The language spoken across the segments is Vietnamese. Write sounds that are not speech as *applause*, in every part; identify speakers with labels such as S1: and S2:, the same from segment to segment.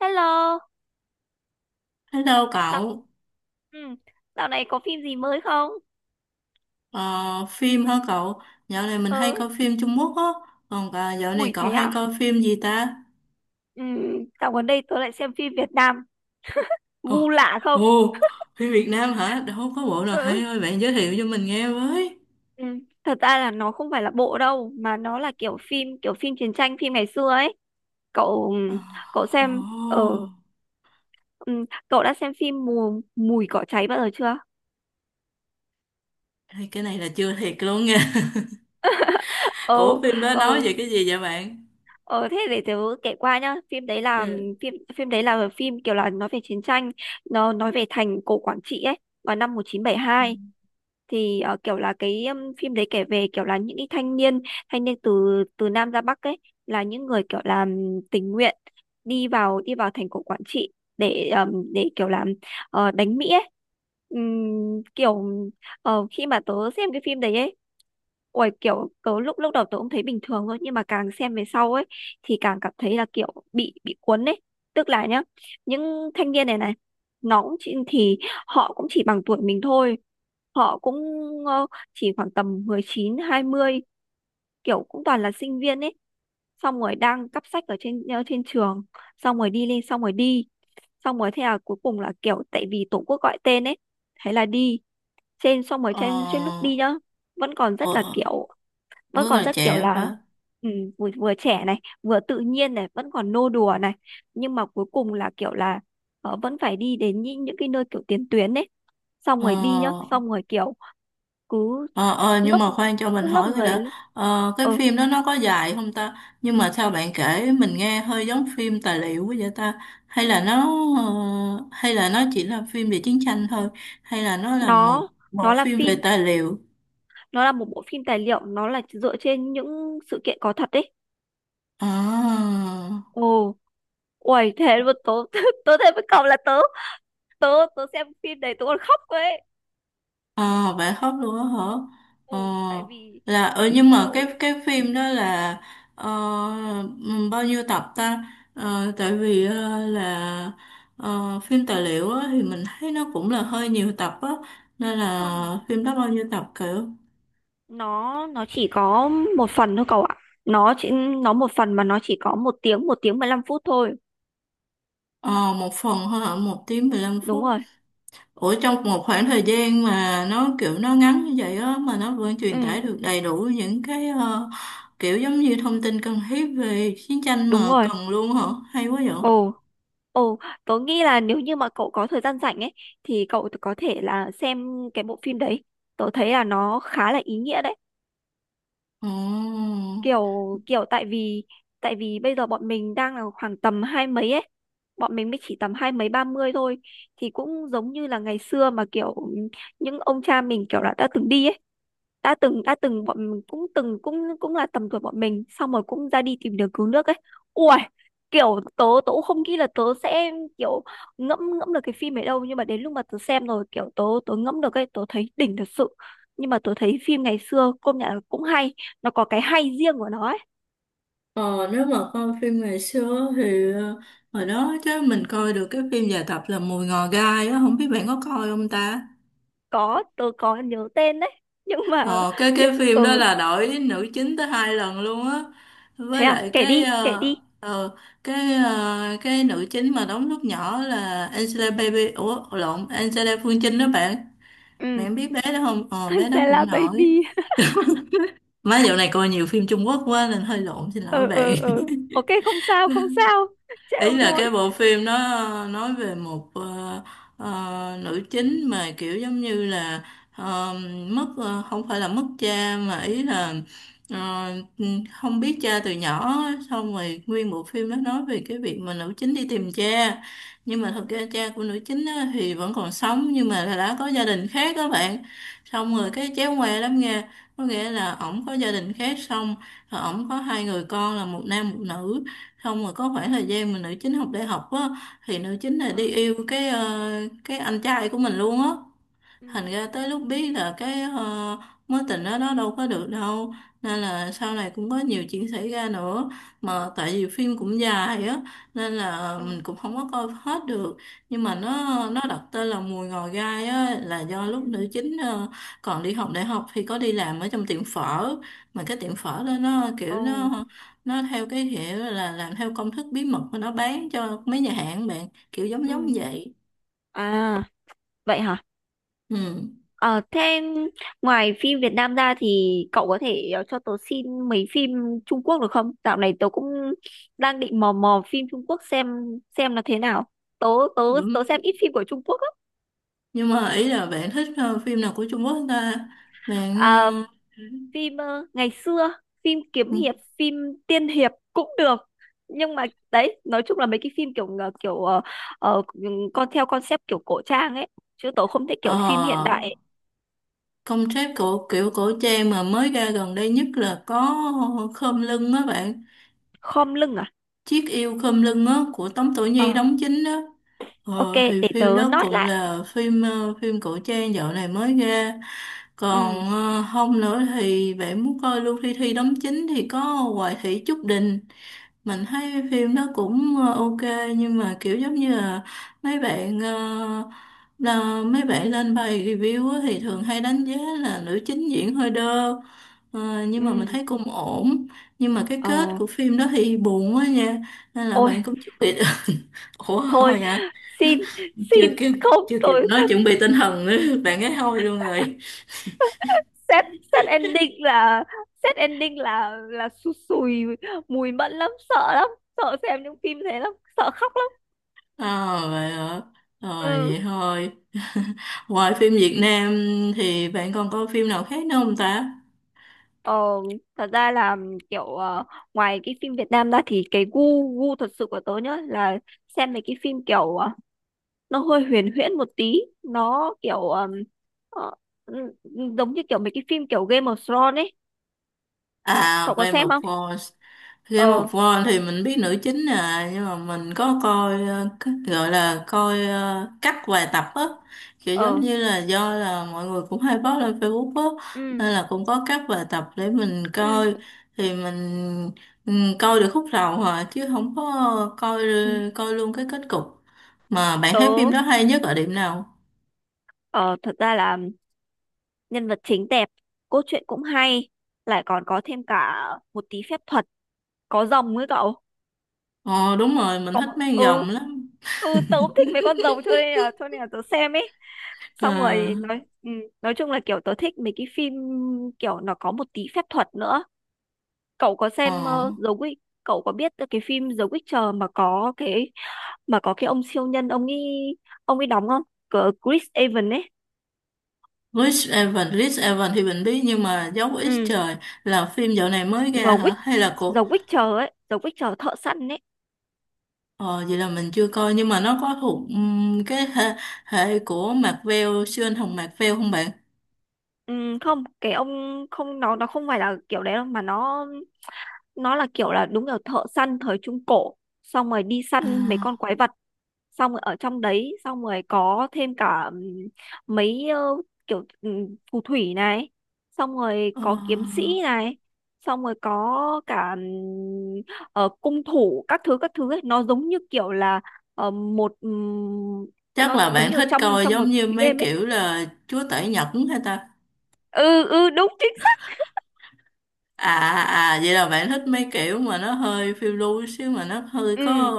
S1: Hello,
S2: Hello
S1: dạo,
S2: cậu.
S1: ừ, dạo này có phim gì mới không?
S2: Ờ, Phim hả cậu? Dạo này mình hay
S1: Ừ,
S2: coi phim Trung Quốc á, còn dạo này
S1: ui
S2: cậu
S1: thế à?
S2: hay coi phim gì ta?
S1: Ừ, dạo gần đây tôi lại xem phim Việt Nam,
S2: Ồ,
S1: gu lạ không?
S2: ồ, phim Việt Nam hả? Đâu có bộ nào hay
S1: Ừ,
S2: thôi, bạn giới thiệu cho mình nghe với.
S1: ừ, thật ra là nó không phải là bộ đâu, mà nó là kiểu phim chiến tranh, phim ngày xưa ấy. Cậu,
S2: Ờ.
S1: cậu
S2: Ồ,
S1: xem, ờ, ừ, Cậu đã xem phim mùi cỏ cháy bao giờ chưa?
S2: đây, cái này là chưa thiệt luôn nha. *laughs*
S1: Ờ,
S2: Ủa phim đó nói
S1: ờ,
S2: về cái gì vậy bạn?
S1: Ờ thế để tớ kể qua nhá. Phim đấy là
S2: Ừ.
S1: phim phim đấy là phim kiểu là nói về chiến tranh, nó nói về thành cổ Quảng Trị ấy, vào năm 1972. Thì kiểu là cái phim đấy kể về kiểu là những cái thanh niên từ từ Nam ra Bắc ấy, là những người kiểu là tình nguyện đi vào thành cổ Quảng Trị để kiểu là đánh Mỹ ấy. Ừm, kiểu Khi mà tớ xem cái phim đấy ấy, ôi kiểu tớ lúc lúc đầu tớ cũng thấy bình thường thôi, nhưng mà càng xem về sau ấy thì càng cảm thấy là kiểu bị cuốn ấy. Tức là nhá, những thanh niên này này nó cũng chỉ, thì họ cũng chỉ bằng tuổi mình thôi. Họ cũng ờ, chỉ khoảng tầm 19 20, kiểu cũng toàn là sinh viên ấy, xong rồi đang cắp sách ở trên trên trường, xong rồi đi lên, xong rồi đi, xong rồi thế là cuối cùng là kiểu tại vì tổ quốc gọi tên ấy, thế là đi. Trên xong rồi trên Trên lúc
S2: Ờ,
S1: đi nhá, vẫn còn rất là
S2: ờ,
S1: kiểu vẫn
S2: rất
S1: còn
S2: là
S1: rất kiểu
S2: trẻ
S1: là
S2: và...
S1: ừ, vừa trẻ này, vừa tự nhiên này, vẫn còn nô đùa này, nhưng mà cuối cùng là vẫn phải đi đến những cái nơi kiểu tiền tuyến ấy, xong rồi đi nhá,
S2: ờ,
S1: xong rồi kiểu cứ
S2: Ờ, nhưng
S1: lớp
S2: mà khoan cho mình
S1: lớp
S2: hỏi cái
S1: người
S2: đã, cái
S1: Ừ,
S2: phim đó nó có dài không ta? Nhưng mà sao bạn kể mình nghe hơi giống phim tài liệu quá vậy ta? Hay là nó, ờ, hay là nó chỉ là phim về chiến tranh thôi, hay là nó là
S1: nó
S2: một một
S1: là
S2: phim
S1: phim,
S2: về tài liệu?
S1: nó là một bộ phim tài liệu, nó là dựa trên những sự kiện có thật ấy.
S2: À.
S1: Ồ, uầy thế mà tớ *laughs* tớ thấy với cậu là tớ tớ tớ xem phim đấy tớ còn khóc cơ ấy.
S2: Ờ vậy khóc luôn á hả? Ờ,
S1: Ồ,
S2: là
S1: tại vì
S2: nhưng mà cái
S1: kiểu
S2: cái phim đó là ờ, bao nhiêu tập ta? Ờ, tại vì là phim tài liệu á, thì mình thấy nó cũng là hơi nhiều tập á, nên
S1: không,
S2: là phim đó bao nhiêu tập kiểu?
S1: nó chỉ có một phần thôi cậu ạ. Nó chỉ, nó một phần, mà nó chỉ có 1 tiếng 15 phút thôi.
S2: Ờ một phần thôi hả? Một tiếng 15
S1: Đúng
S2: phút.
S1: rồi.
S2: Ủa trong một khoảng thời gian mà nó kiểu nó ngắn như vậy á mà nó vẫn truyền
S1: Ừ
S2: tải được đầy đủ những cái, kiểu giống như thông tin cần thiết về chiến tranh
S1: đúng
S2: mà
S1: rồi.
S2: cần luôn hả? Hay quá vậy.
S1: Ồ, Ồ, tớ nghĩ là nếu như mà cậu có thời gian rảnh ấy thì cậu có thể là xem cái bộ phim đấy. Tớ thấy là nó khá là ý nghĩa đấy.
S2: Ồ.
S1: Kiểu kiểu tại vì Tại vì bây giờ bọn mình đang là khoảng tầm hai mấy ấy. Bọn mình mới chỉ tầm hai mấy 30 thôi, thì cũng giống như là ngày xưa mà kiểu những ông cha mình kiểu là đã từng đi ấy, đã từng bọn mình cũng từng cũng cũng là tầm tuổi bọn mình, xong rồi cũng ra đi tìm đường cứu nước ấy. Ui kiểu tớ tớ cũng không nghĩ là tớ sẽ kiểu ngẫm ngẫm được cái phim ấy đâu, nhưng mà đến lúc mà tớ xem rồi kiểu tớ tớ ngẫm được ấy, tớ thấy đỉnh thật sự. Nhưng mà tớ thấy phim ngày xưa công nhận là cũng hay, nó có cái hay riêng của nó ấy.
S2: Ờ, nếu mà coi phim ngày xưa thì, hồi đó chứ mình coi được cái phim dài tập là Mùi Ngò Gai á, không biết bạn có coi không ta?
S1: Có, tớ có nhớ tên đấy *laughs* nhưng mà
S2: Ờ, cái phim đó
S1: ừ,
S2: là đổi nữ chính tới hai lần luôn á, với
S1: thế à,
S2: lại cái,
S1: kể đi.
S2: ờ, cái, cái nữ chính mà đóng lúc nhỏ là Angela Baby, ủa lộn, Angela Phương Trinh đó bạn,
S1: Ừ
S2: bạn biết bé đó không,
S1: *laughs*
S2: ờ bé đó cũng
S1: Angela
S2: nổi.
S1: Baby.
S2: Má dạo này coi nhiều phim Trung Quốc quá nên hơi lộn, xin lỗi bạn.
S1: Ừ, ok,
S2: *laughs*
S1: không sao *laughs*
S2: Ý
S1: trêu
S2: là cái
S1: thôi.
S2: bộ phim nó nói về một, nữ chính mà kiểu giống như là, ờ, mất, không phải là mất cha mà ý là, ờ, không biết cha từ nhỏ á. Xong rồi nguyên bộ phim nó nói về cái việc mà nữ chính đi tìm cha, nhưng mà thật
S1: Ừ.
S2: ra cha của nữ chính á, thì vẫn còn sống nhưng mà là đã có gia đình khác các bạn. Xong rồi
S1: ờ
S2: cái chéo ngoe lắm nghe, có nghĩa là ổng có gia đình khác, xong rồi ổng có hai người con là một nam một nữ. Không mà có khoảng thời gian mà nữ chính học đại học á, thì nữ chính là
S1: ờ
S2: đi yêu cái, cái anh trai của mình luôn á.
S1: ừ
S2: Thành ra tới lúc biết là cái, mối tình đó nó đâu có được đâu, nên là sau này cũng có nhiều chuyện xảy ra nữa, mà tại vì phim cũng dài á nên là
S1: ờ
S2: mình cũng không có coi hết được. Nhưng mà
S1: ừ
S2: nó đặt tên là Mùi Ngò Gai á là do
S1: ừ
S2: lúc nữ chính, còn đi học đại học thì có đi làm ở trong tiệm phở, mà cái tiệm phở đó nó kiểu
S1: ồ
S2: nó theo cái kiểu là làm theo công thức bí mật mà nó bán cho mấy nhà hàng bạn kiểu giống
S1: ừ
S2: giống vậy.
S1: À vậy hả? Ờ thế, ngoài phim Việt Nam ra thì cậu có thể cho tớ xin mấy phim Trung Quốc được không? Dạo này tớ cũng đang định mò mò phim Trung Quốc xem là thế nào. Tớ tớ Tớ xem
S2: Ừ,
S1: ít phim của Trung Quốc
S2: nhưng mà ý là bạn thích, phim nào của Trung Quốc ta, bạn?
S1: á. Phim ngày xưa,
S2: ờ,
S1: phim tiên hiệp cũng được. Nhưng mà đấy, nói chung là mấy cái phim kiểu ờ, con theo concept kiểu cổ trang ấy, chứ tớ không thích
S2: ờ,
S1: kiểu phim hiện đại ấy.
S2: concept của kiểu cổ trang mà mới ra gần đây nhất là có Khom Lưng á bạn.
S1: Khom lưng à?
S2: Chiếc yêu khom lưng á của Tống Tổ
S1: Ờ,
S2: Nhi đóng chính đó.
S1: ok,
S2: Thì
S1: để
S2: phim
S1: tớ
S2: đó
S1: note
S2: cũng
S1: lại.
S2: là phim, phim cổ trang dạo này mới ra.
S1: ừ
S2: Còn không nữa thì bạn muốn coi Lưu Thi Thi đóng chính thì có Hoài Thị Trúc Đình. Mình thấy phim đó cũng, ok, nhưng mà kiểu giống như là mấy bạn, là mấy bạn lên bài review á thì thường hay đánh giá là nữ chính diễn hơi đơ. Ờ, nhưng mà mình
S1: ừ
S2: thấy cũng ổn, nhưng mà cái kết
S1: ờ
S2: của phim đó thì buồn quá nha, nên là
S1: Ôi
S2: bạn cũng chuẩn bị. *laughs* Ủa
S1: thôi,
S2: thôi hả?
S1: xin
S2: Chưa
S1: xin,
S2: kịp,
S1: không
S2: chưa kịp
S1: tôi
S2: nói chuẩn bị tinh thần nữa *laughs* bạn ấy thôi luôn rồi.
S1: set set ending là là sụt sùi mùi mẫn lắm, sợ lắm, sợ xem những phim thế lắm, sợ khóc.
S2: Ờ vậy hả? Ờ
S1: Ừ,
S2: vậy thôi. *laughs* Ngoài phim Việt Nam thì bạn còn coi phim nào khác nữa không ta?
S1: Ờ, thật ra là kiểu ngoài cái phim Việt Nam ra thì cái gu gu thật sự của tớ nhá là xem mấy cái phim kiểu nó hơi huyền huyễn một tí, nó kiểu ờ, ừ, ừ, giống như kiểu mấy cái phim kiểu Game of Thrones ấy,
S2: À,
S1: cậu có
S2: Game
S1: xem
S2: of
S1: không?
S2: Thrones. Game
S1: Ờ
S2: of Thrones thì mình biết nữ chính nhưng mà mình có coi, cái- gọi là coi, cắt vài tập á, kiểu giống
S1: ờ
S2: như là do là mọi người cũng hay post lên Facebook á,
S1: ừ
S2: nên là cũng có cắt vài tập để mình
S1: ừ
S2: coi. Thì mình, ừ, coi được khúc đầu à chứ không có coi,
S1: ừ.
S2: coi luôn cái kết cục. Mà bạn thấy
S1: Tớ
S2: phim đó hay nhất ở điểm nào?
S1: ờ, thật ra là nhân vật chính đẹp, cốt truyện cũng hay, lại còn có thêm cả một tí phép thuật, có rồng ấy cậu.
S2: Ờ đúng rồi, mình
S1: Có,
S2: thích mấy con
S1: ừ
S2: rồng lắm.
S1: tớ cũng
S2: *laughs*
S1: thích mấy con rồng cho nên là tớ xem ấy. Xong
S2: Ờ.
S1: rồi nói nói chung là kiểu tớ thích mấy cái phim kiểu nó có một tí phép thuật nữa. Cậu có xem
S2: Ờ.
S1: The Witch, cậu có biết cái phim The Witcher mà có cái ông siêu nhân ông ấy, ông ấy đóng không? Cờ Chris Evans ấy.
S2: Rich Evan, Rich Evan thì mình biết nhưng mà dấu X
S1: Ừ,
S2: trời, là phim dạo này mới ra
S1: The
S2: hả?
S1: Witch,
S2: Hay là
S1: The
S2: của,
S1: Witcher ấy, The Witcher thợ săn ấy.
S2: ờ, vậy là mình chưa coi, nhưng mà nó có thuộc cái hệ, hệ của Marvel siêu anh hùng Marvel không bạn?
S1: ừ, Không cái ông không, nó không phải là kiểu đấy đâu, mà nó là kiểu là đúng kiểu thợ săn thời trung cổ, xong rồi đi săn mấy
S2: À,
S1: con quái vật, xong rồi ở trong đấy, xong rồi có thêm cả mấy ờ, kiểu phù thủy này, xong rồi
S2: ờ,
S1: có kiếm sĩ này, xong rồi có cả cung thủ các thứ ấy. Nó giống như kiểu là ờ, một
S2: chắc
S1: nó
S2: là
S1: giống
S2: bạn
S1: như
S2: thích
S1: trong
S2: coi
S1: trong
S2: giống
S1: một
S2: như
S1: cái
S2: mấy
S1: game ấy.
S2: kiểu là Chúa Tể Nhật hay ta?
S1: Ừ Đúng chính xác.
S2: À à à, vậy là bạn thích mấy kiểu mà nó hơi phiêu lưu xíu mà nó hơi
S1: ừ
S2: có,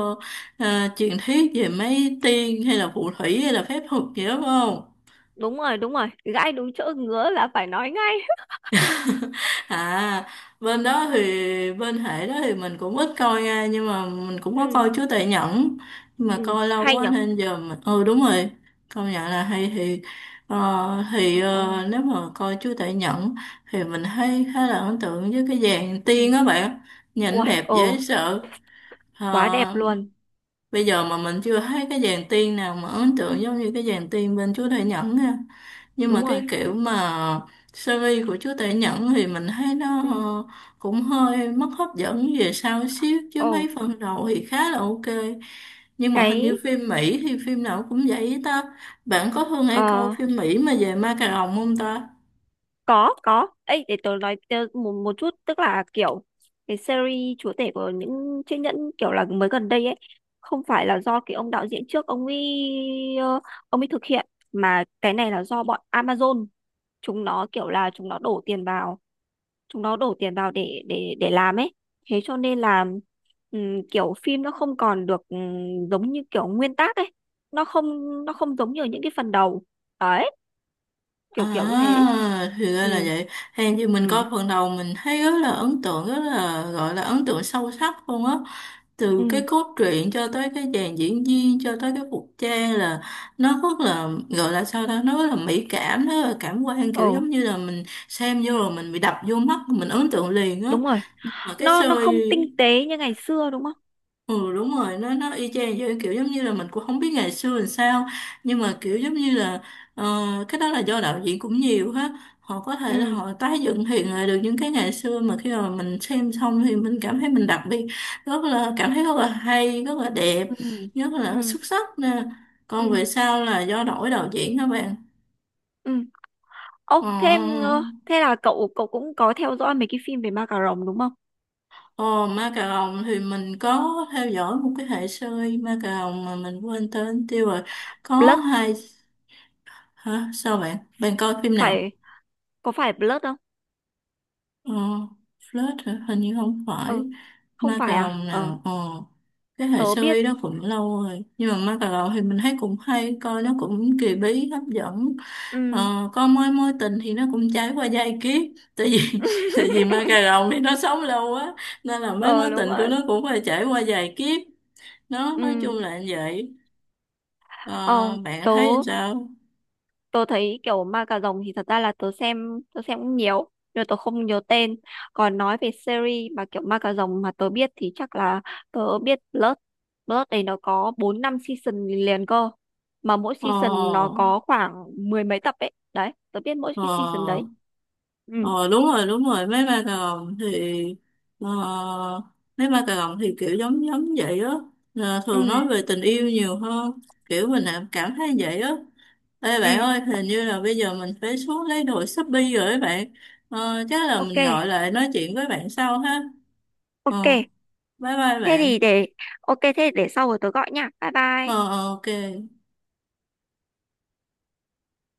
S2: truyền thuyết về mấy tiên hay là phù thủy hay là phép thuật gì đó phải không?
S1: Đúng rồi, đúng rồi, gãi đúng chỗ ngứa là phải nói ngay. *laughs*
S2: À, bên đó thì, bên hệ đó thì mình cũng ít coi nha, nhưng mà mình cũng có
S1: Ừ,
S2: coi Chúa Tể Nhẫn, nhưng mà
S1: ừ
S2: coi lâu
S1: hay
S2: quá
S1: nhở.
S2: nên giờ mình ừ đúng rồi, công nhận là hay. Thì, thì,
S1: Trời ơi.
S2: nếu mà coi Chúa Tể Nhẫn thì mình thấy khá là ấn tượng với cái dàn tiên
S1: Ừ.
S2: á bạn, nhìn
S1: Uầy,
S2: đẹp
S1: ồ,
S2: dễ sợ.
S1: quá đẹp
S2: Ờ.
S1: luôn.
S2: Bây giờ mà mình chưa thấy cái dàn tiên nào mà ấn tượng giống như cái dàn tiên bên Chúa Tể Nhẫn nha. Nhưng mà
S1: Đúng rồi.
S2: cái kiểu mà series của Chúa Tể Nhẫn thì mình thấy nó,
S1: Ừ.
S2: cũng hơi mất hấp dẫn về sau xíu, chứ
S1: Ồ,
S2: mấy phần đầu thì khá là ok. Nhưng mà hình
S1: cái
S2: như phim Mỹ thì phim nào cũng vậy ta. Bạn có thường hay coi
S1: ờ
S2: phim Mỹ mà về ma cà rồng không ta?
S1: có có. Ấy để tớ nói, tớ một một chút tức là kiểu cái series chúa tể của những chiếc nhẫn kiểu là mới gần đây ấy, không phải là do cái ông đạo diễn trước ông ấy ông ấy thực hiện, mà cái này là do bọn Amazon, chúng nó kiểu là chúng nó đổ tiền vào, để làm ấy. Thế cho nên là kiểu phim nó không còn được giống như kiểu nguyên tác ấy. nó không nó không giống như ở những cái phần đầu đấy, kiểu kiểu như thế.
S2: À, thì ra là
S1: ừ
S2: vậy. Hèn gì mình coi
S1: ừ
S2: phần đầu mình thấy rất là ấn tượng, rất là gọi là ấn tượng sâu sắc luôn á. Từ cái
S1: ừ
S2: cốt truyện cho tới cái dàn diễn viên, cho tới cái phục trang là nó rất là gọi là sao ta, nó rất là mỹ cảm, nó rất là cảm quan
S1: ờ
S2: kiểu giống như là mình xem vô rồi mình bị đập vô mắt, mình ấn tượng liền á.
S1: đúng rồi,
S2: Nhưng mà cái
S1: nó không
S2: series.
S1: tinh tế như ngày xưa đúng không.
S2: Ừ đúng rồi, nó y chang vậy, kiểu giống như là mình cũng không biết ngày xưa làm sao, nhưng mà kiểu giống như là, ờ, cái đó là do đạo diễn cũng nhiều hết, họ có thể là
S1: ừ
S2: họ tái dựng hiện lại được những cái ngày xưa mà khi mà mình xem xong thì mình cảm thấy mình đặc biệt, rất là cảm thấy rất là hay, rất là đẹp,
S1: ừ
S2: rất
S1: ừ
S2: là xuất sắc nè.
S1: ừ
S2: Còn về sau là do đổi đạo diễn các bạn.
S1: ừ Ô thêm,
S2: Ờ,
S1: thế là cậu cậu cũng có theo dõi mấy cái phim về ma cà rồng đúng không?
S2: ờ, ma cà rồng thì mình có theo dõi một cái hệ series ma cà rồng mà mình quên tên tiêu rồi, có
S1: Blood,
S2: hai. Hả? Sao bạn? Bạn coi phim nào?
S1: phải, có phải Blood không?
S2: Ờ, Flirt hả? Hình như không phải.
S1: ừ Không
S2: Ma
S1: phải
S2: cà
S1: à?
S2: rồng
S1: Ờ,
S2: nào? Ờ, cái hệ
S1: tớ
S2: sơ
S1: biết.
S2: y đó cũng lâu rồi. Nhưng mà ma cà rồng thì mình thấy cũng hay. Coi nó cũng kỳ bí, hấp dẫn.
S1: Ừ
S2: Ờ, coi mối mối tình thì nó cũng trải qua giai kiếp. Tại vì, *laughs*
S1: *laughs*
S2: tại vì ma cà rồng thì nó sống lâu quá. Nên là mấy mối
S1: ờ đúng
S2: tình của
S1: rồi.
S2: nó cũng phải trải qua vài kiếp. Nó nói
S1: Ừ,
S2: chung là như vậy. Ờ,
S1: ờ,
S2: bạn
S1: tớ
S2: thấy sao?
S1: tớ thấy kiểu ma cà rồng thì thật ra là tớ xem cũng nhiều nhưng mà tớ không nhớ tên. Còn nói về series mà kiểu ma cà rồng mà tớ biết thì chắc là tớ biết Blood. Blood này nó có bốn năm season liền cơ, mà mỗi season nó
S2: Ờ.
S1: có khoảng mười mấy tập ấy. Đấy tớ biết mỗi
S2: Ờ.
S1: cái season đấy. ừ
S2: Ờ đúng rồi đúng rồi, mấy ba cà rồng thì, ờ, mấy ba cà rồng thì kiểu giống giống vậy á. Ờ, thường
S1: ừ
S2: nói về tình yêu nhiều hơn, kiểu mình là cảm thấy vậy á. Ê
S1: ừ
S2: bạn ơi hình như là bây giờ mình phải xuống lấy đồ Shopee rồi ấy bạn. Ờ, chắc là
S1: ok,
S2: mình gọi lại nói chuyện với bạn sau ha.
S1: ok,
S2: Ờ, bye bye
S1: thế
S2: bạn.
S1: thì để, ok thế để sau rồi tớ gọi nha, bye
S2: Ờ
S1: bye.
S2: ờ, ok.